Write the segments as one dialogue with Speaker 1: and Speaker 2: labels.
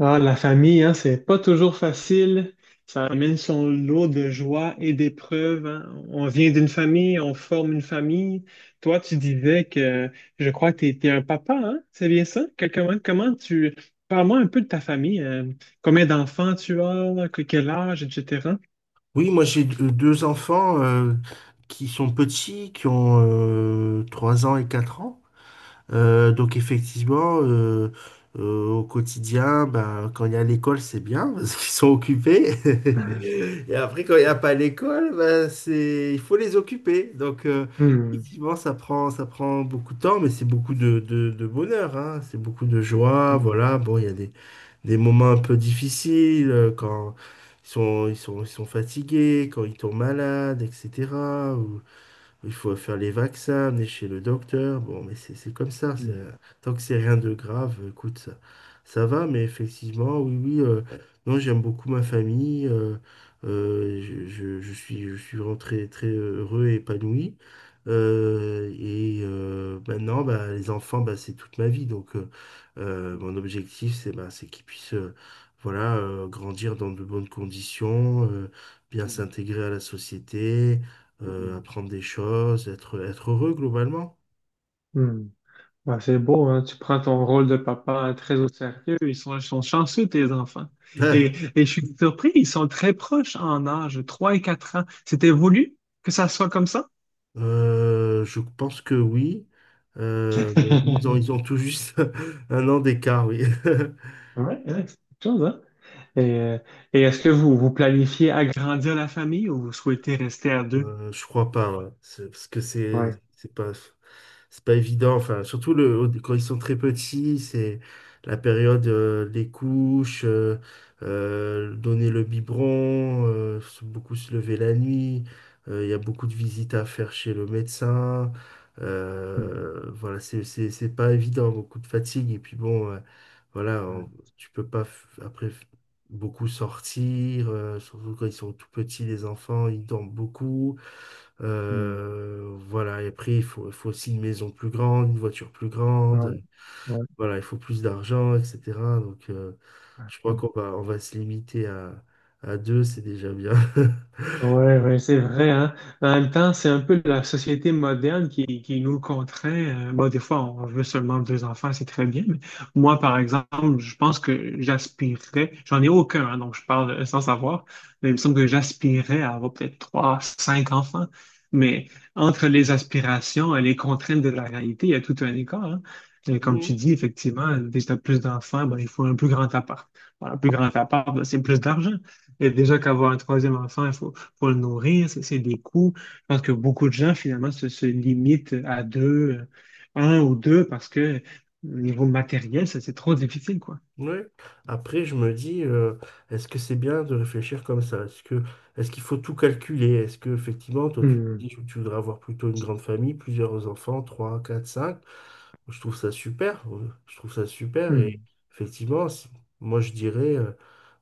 Speaker 1: Ah, la famille, hein, c'est pas toujours facile. Ça amène son lot de joie et d'épreuves, hein. On vient d'une famille, on forme une famille. Toi, tu disais que je crois que tu es un papa, hein? C'est bien ça? Comment, comment tu... Parle-moi un peu de ta famille. Combien d'enfants tu as, quel âge, etc.
Speaker 2: Oui, moi j'ai deux enfants qui sont petits, qui ont 3 ans et 4 ans. Donc effectivement, au quotidien, ben, quand il y a l'école, c'est bien parce qu'ils sont occupés. Et après, quand il n'y a pas l'école, ben, il faut les occuper. Donc
Speaker 1: Hmm,
Speaker 2: effectivement, ça prend beaucoup de temps, mais c'est beaucoup de bonheur, hein. C'est beaucoup de joie.
Speaker 1: hmm,
Speaker 2: Voilà, bon, il y a des moments un peu difficiles quand ils sont fatigués, quand ils tombent malades, etc. Il faut faire les vaccins, amener chez le docteur. Bon, mais c'est comme ça.
Speaker 1: hmm,
Speaker 2: Tant que c'est rien de grave, écoute, ça va. Mais effectivement, oui, oui. Non, j'aime beaucoup ma famille. Je suis vraiment très, très heureux et épanoui. Et maintenant, bah, les enfants, bah, c'est toute ma vie. Donc, mon objectif, c'est bah, c'est qu'ils puissent voilà, grandir dans de bonnes conditions, bien
Speaker 1: hmm,
Speaker 2: s'intégrer à la société,
Speaker 1: hmm,
Speaker 2: apprendre des choses, être heureux globalement.
Speaker 1: hmm. Bah, c'est beau, hein. Tu prends ton rôle de papa, hein, très au sérieux. Ils sont chanceux, tes enfants.
Speaker 2: Ah,
Speaker 1: Et je suis surpris, ils sont très proches en âge, 3 et 4 ans. C'était voulu que ça soit comme ça?
Speaker 2: je pense que oui. Mais ils ont tout juste un an d'écart, oui.
Speaker 1: Ouais, ouais, c'est quelque chose, hein. Et, euh, et est-ce que vous planifiez agrandir la famille ou vous souhaitez rester à deux?
Speaker 2: Je crois pas, ouais. Parce que
Speaker 1: Ouais.
Speaker 2: c'est pas c'est pas évident. Enfin, surtout quand ils sont très petits, c'est la période, les couches, donner le biberon, beaucoup se lever la nuit. Il y a beaucoup de visites à faire chez le médecin.
Speaker 1: Mhm.
Speaker 2: Voilà, c'est pas évident, beaucoup de fatigue. Et puis bon, voilà,
Speaker 1: Ouais.
Speaker 2: tu peux pas beaucoup sortir, surtout quand ils sont tout petits, les enfants, ils dorment beaucoup.
Speaker 1: Mhm.
Speaker 2: Voilà, et après, il faut aussi une maison plus grande, une voiture plus grande.
Speaker 1: Ouais.
Speaker 2: Voilà, il faut plus d'argent, etc. Donc, je crois
Speaker 1: Ouais.
Speaker 2: qu'on va, on va se limiter à deux, c'est déjà bien.
Speaker 1: Ouais, ouais, c'est vrai, hein. Mais en même temps, c'est un peu la société moderne qui nous contraint. Bon, des fois, on veut seulement deux enfants, c'est très bien. Mais moi, par exemple, je pense que j'aspirerais, j'en ai aucun, hein, donc je parle sans savoir, mais il me semble que j'aspirerais à avoir peut-être trois, cinq enfants. Mais entre les aspirations et les contraintes de la réalité, il y a tout un écart, hein. Et comme tu
Speaker 2: Mhm,
Speaker 1: dis, effectivement, dès que tu as plus d'enfants, ben, il faut un plus grand appart. Voilà, un plus grand appart, ben, c'est plus d'argent. Et déjà qu'avoir un troisième enfant, il faut pour le nourrir, c'est des coûts. Je pense que beaucoup de gens, finalement, se limitent à deux, un ou deux, parce que au niveau matériel, ça, c'est trop difficile, quoi.
Speaker 2: ouais. Après, je me dis, est-ce que c'est bien de réfléchir comme ça? Est-ce qu'il faut tout calculer? Est-ce que, effectivement, toi, tu te
Speaker 1: Hmm,
Speaker 2: dis que tu voudrais avoir plutôt une grande famille, plusieurs enfants, trois, quatre, cinq? Je trouve ça super. Je trouve ça super. Et
Speaker 1: hmm,
Speaker 2: effectivement, moi, je dirais. euh,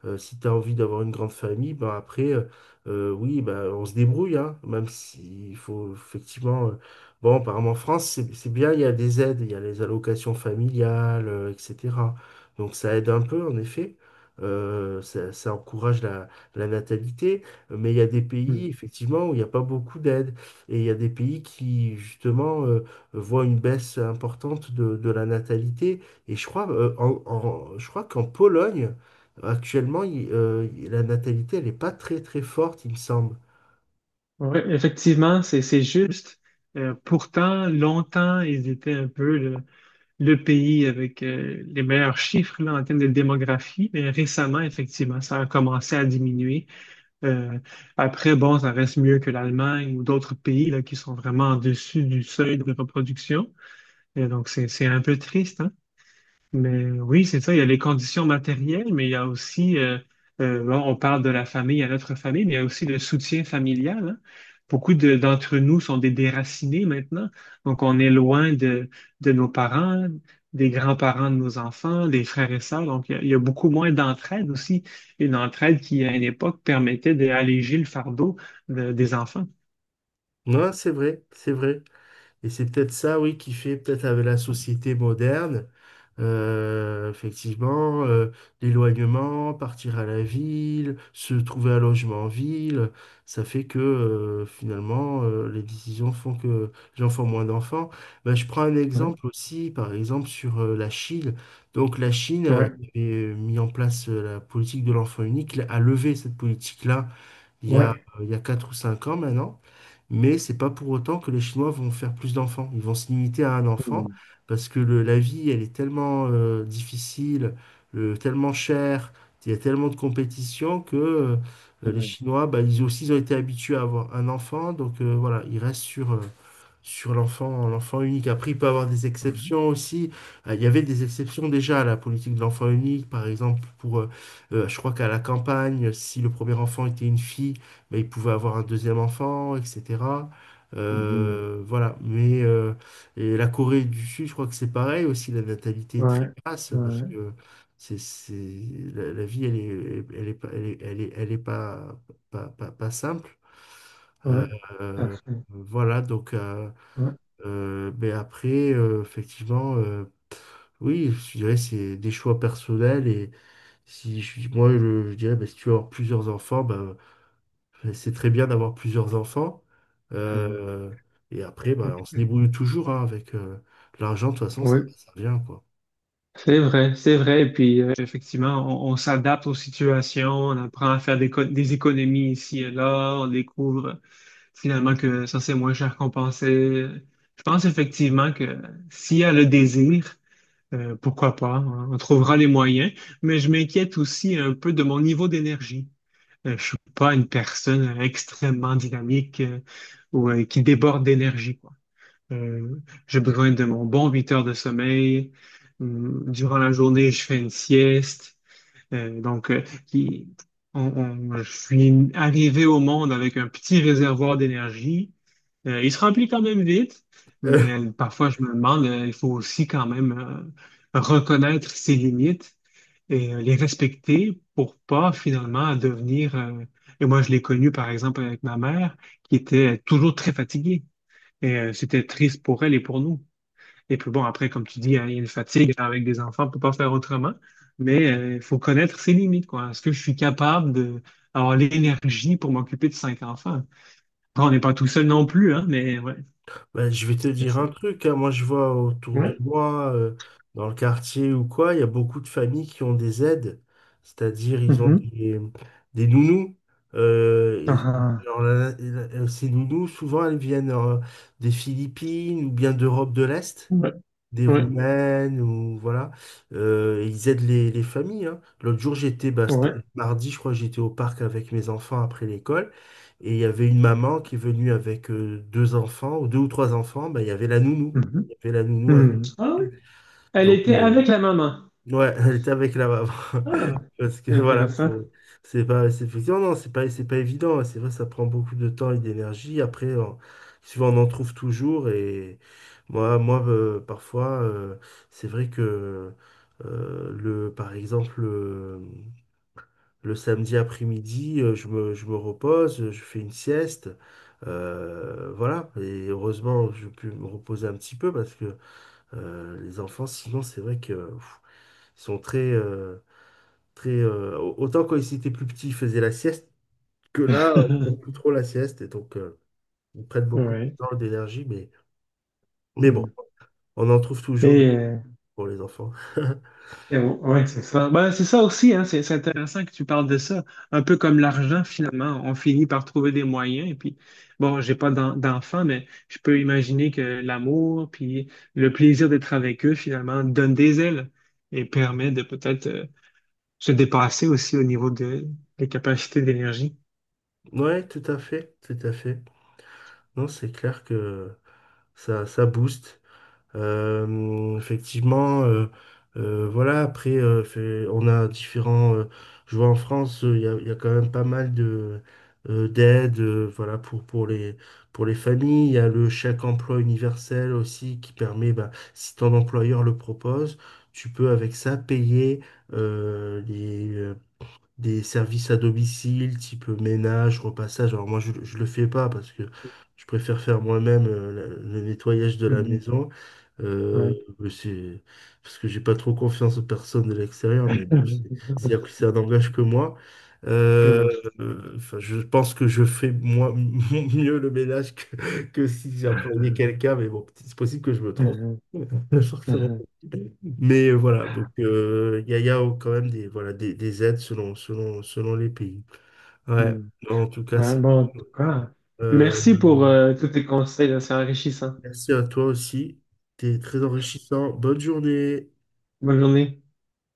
Speaker 2: Euh, Si tu as envie d'avoir une grande famille, ben après, oui, ben on se débrouille, hein, même s'il faut effectivement. Bon, apparemment en France, c'est bien, il y a des aides, il y a les allocations familiales, etc. Donc ça aide un peu, en effet. Ça encourage la natalité, mais il y a des
Speaker 1: hmm.
Speaker 2: pays, effectivement, où il n'y a pas beaucoup d'aides. Et il y a des pays qui, justement, voient une baisse importante de la natalité. Et je crois, je crois qu'en Pologne, actuellement, la natalité, elle n'est pas très très forte, il me semble.
Speaker 1: Ouais, effectivement, c'est juste. Pourtant, longtemps, ils étaient un peu le pays avec les meilleurs chiffres là, en termes de démographie, mais récemment, effectivement, ça a commencé à diminuer. Euh, Après, bon, ça reste mieux que l'Allemagne ou d'autres pays là, qui sont vraiment en dessus du seuil de reproduction. Et donc, c'est un peu triste, hein? Mais oui, c'est ça, il y a les conditions matérielles, mais il y a aussi, bon, on parle de la famille à notre famille, mais il y a aussi le soutien familial, hein. D'entre nous sont des déracinés maintenant, donc on est loin de nos parents, des grands-parents de nos enfants, des frères et sœurs, donc il y a beaucoup moins d'entraide aussi, une entraide qui, à une époque, permettait d'alléger le fardeau des enfants.
Speaker 2: Non, c'est vrai, c'est vrai. Et c'est peut-être ça, oui, qui fait peut-être avec la société moderne, effectivement, l'éloignement, partir à la ville, se trouver un logement en ville, ça fait que finalement, les décisions font que les gens font moins d'enfants. Ben, je prends un
Speaker 1: Ouais,
Speaker 2: exemple aussi, par exemple, sur la Chine. Donc la Chine,
Speaker 1: ouais,
Speaker 2: qui avait mis en place la politique de l'enfant unique, a levé cette politique-là il y a,
Speaker 1: ouais.
Speaker 2: il y a 4 ou 5 ans maintenant. Mais c'est pas pour autant que les Chinois vont faire plus d'enfants. Ils vont se limiter à un
Speaker 1: Mm.
Speaker 2: enfant parce que la vie, elle est tellement difficile, tellement chère, il y a tellement de compétition que les
Speaker 1: Ouais.
Speaker 2: Chinois, bah, ils aussi ils ont été habitués à avoir un enfant. Donc voilà, ils restent sur l'enfant unique. Après, il peut avoir des
Speaker 1: Ouais.
Speaker 2: exceptions aussi. Il y avait des exceptions déjà à la politique de l'enfant unique. Par exemple, je crois qu'à la campagne, si le premier enfant était une fille, ben, il pouvait avoir un deuxième enfant, etc.
Speaker 1: Mhm.
Speaker 2: Voilà. Et la Corée du Sud, je crois que c'est pareil aussi. La natalité est très
Speaker 1: Ouais,
Speaker 2: basse parce
Speaker 1: ouais,
Speaker 2: que c'est, c'est, la vie, elle est, pas- elle est, elle est, elle est pas simple. Euh,
Speaker 1: ouais, tout à
Speaker 2: euh,
Speaker 1: fait.
Speaker 2: voilà, donc,
Speaker 1: Ouais,
Speaker 2: mais après, effectivement, oui, je dirais c'est des choix personnels. Et si je, suis- moi, je dirais, bah, si tu veux avoir plusieurs enfants, bah, c'est très bien d'avoir plusieurs enfants.
Speaker 1: euh,
Speaker 2: Euh, et après, bah, on se débrouille toujours, hein, avec l'argent. De toute façon,
Speaker 1: ouais.
Speaker 2: ça vient, quoi.
Speaker 1: C'est vrai, c'est vrai. Et puis, effectivement, on s'adapte aux situations, on apprend à faire des, des économies ici et là, on découvre finalement que ça, c'est moins cher qu'on pensait. Je pense effectivement que s'il y a le désir, pourquoi pas, hein, on trouvera les moyens. Mais je m'inquiète aussi un peu de mon niveau d'énergie. Je suis pas une personne extrêmement dynamique ou qui déborde d'énergie. Euh, j'ai besoin de mon bon 8 heures de sommeil. Hum. Durant la journée, je fais une sieste. Euh, donc, euh, qui- je suis arrivé au monde avec un petit réservoir d'énergie. Il se remplit quand même vite, mais parfois je me demande, il faut aussi quand même reconnaître ses limites et, les respecter pour pas finalement devenir... Et moi, je l'ai connu par exemple avec ma mère qui était toujours très fatiguée. Et c'était triste pour elle et pour nous. Et puis bon, après, comme tu dis, hein, il y a une fatigue avec des enfants, on ne peut pas faire autrement. Mais il faut connaître ses limites, quoi. Est-ce que je suis capable de avoir l'énergie pour m'occuper de cinq enfants? Après, on n'est pas tout seul non plus, hein, mais ouais,
Speaker 2: Ben, je vais te
Speaker 1: c'est
Speaker 2: dire un
Speaker 1: ça.
Speaker 2: truc, hein. Moi, je vois autour de
Speaker 1: Ouais.
Speaker 2: moi, dans le quartier ou quoi, il y a beaucoup de familles qui ont des aides, c'est-à-dire ils ont
Speaker 1: Mhm.
Speaker 2: des nounous. Euh, et
Speaker 1: Ah,
Speaker 2: alors, ces nounous, souvent, elles viennent des Philippines ou bien d'Europe de l'Est,
Speaker 1: ouais.
Speaker 2: des
Speaker 1: Ouais.
Speaker 2: Roumaines ou voilà. Et ils aident les familles, hein. L'autre jour,
Speaker 1: Ouais.
Speaker 2: c'était mardi, je crois, j'étais au parc avec mes enfants après l'école. Et il y avait une maman qui est venue avec deux enfants, ou deux ou trois enfants, bah, il y avait la nounou.
Speaker 1: Mhm.
Speaker 2: Il y avait la nounou avec
Speaker 1: Mhm. Ah oui.
Speaker 2: elle.
Speaker 1: Elle
Speaker 2: Donc,
Speaker 1: était avec la maman.
Speaker 2: ouais, elle était avec la maman.
Speaker 1: Ah,
Speaker 2: Parce que voilà,
Speaker 1: intéressant.
Speaker 2: c'est effectivement, non, c'est pas évident. C'est vrai, ça prend beaucoup de temps et d'énergie. Après, souvent, on en trouve toujours. Et moi, parfois, c'est vrai que, par exemple, samedi après-midi, je me repose, je fais une sieste. Voilà. Et heureusement, je peux me reposer un petit peu parce que, les enfants, sinon, c'est vrai que, pff, ils sont très, euh, très, autant quand ils étaient plus petits, ils faisaient la sieste, que là, ils font plus trop la sieste, et donc ils prennent beaucoup de
Speaker 1: Ouais.
Speaker 2: temps, d'énergie, mais
Speaker 1: Ouais.
Speaker 2: bon, on en trouve toujours
Speaker 1: Et
Speaker 2: pour les enfants.
Speaker 1: eh oui, ouais, c'est ça. Ben, c'est ça aussi, hein, c'est intéressant que tu parles de ça. Un peu comme l'argent, finalement, on finit par trouver des moyens. Et puis, bon, j'ai pas d'enfants, mais je peux imaginer que l'amour, puis le plaisir d'être avec eux, finalement, donne des ailes et permet de peut-être, se dépasser aussi au niveau de, des capacités d'énergie.
Speaker 2: Ouais, tout à fait, tout à fait. Non, c'est clair que ça booste. Effectivement, voilà, après, on a différents... je vois en France, il y a quand même pas mal d'aides, voilà, pour les familles. Il y a le chèque emploi universel aussi qui permet, bah, si ton employeur le propose, tu peux avec ça payer euh, des services à domicile, type ménage, repassage. Alors moi, je le fais pas parce que je préfère faire moi-même le nettoyage de la
Speaker 1: Mhm.
Speaker 2: maison. Euh,
Speaker 1: Ouais.
Speaker 2: mais c'est parce que j'ai pas trop confiance aux personnes de l'extérieur, mais bon, c'est un langage que moi. Euh, enfin, je pense que je fais moi mieux le ménage que si j'employais quelqu'un, mais bon, c'est possible que je me trompe.
Speaker 1: Mhm.
Speaker 2: Fortement.
Speaker 1: Mhm.
Speaker 2: Voilà, donc il y a quand même des aides selon les pays. Ouais,
Speaker 1: Mhm.
Speaker 2: non, en tout cas,
Speaker 1: Ouais,
Speaker 2: c'est
Speaker 1: bon, en tout
Speaker 2: cool.
Speaker 1: cas,
Speaker 2: Euh,
Speaker 1: merci pour tous tes conseils, là, c'est enrichissant.
Speaker 2: Merci à toi aussi. T'es très enrichissant. Bonne journée.
Speaker 1: Bonne journée.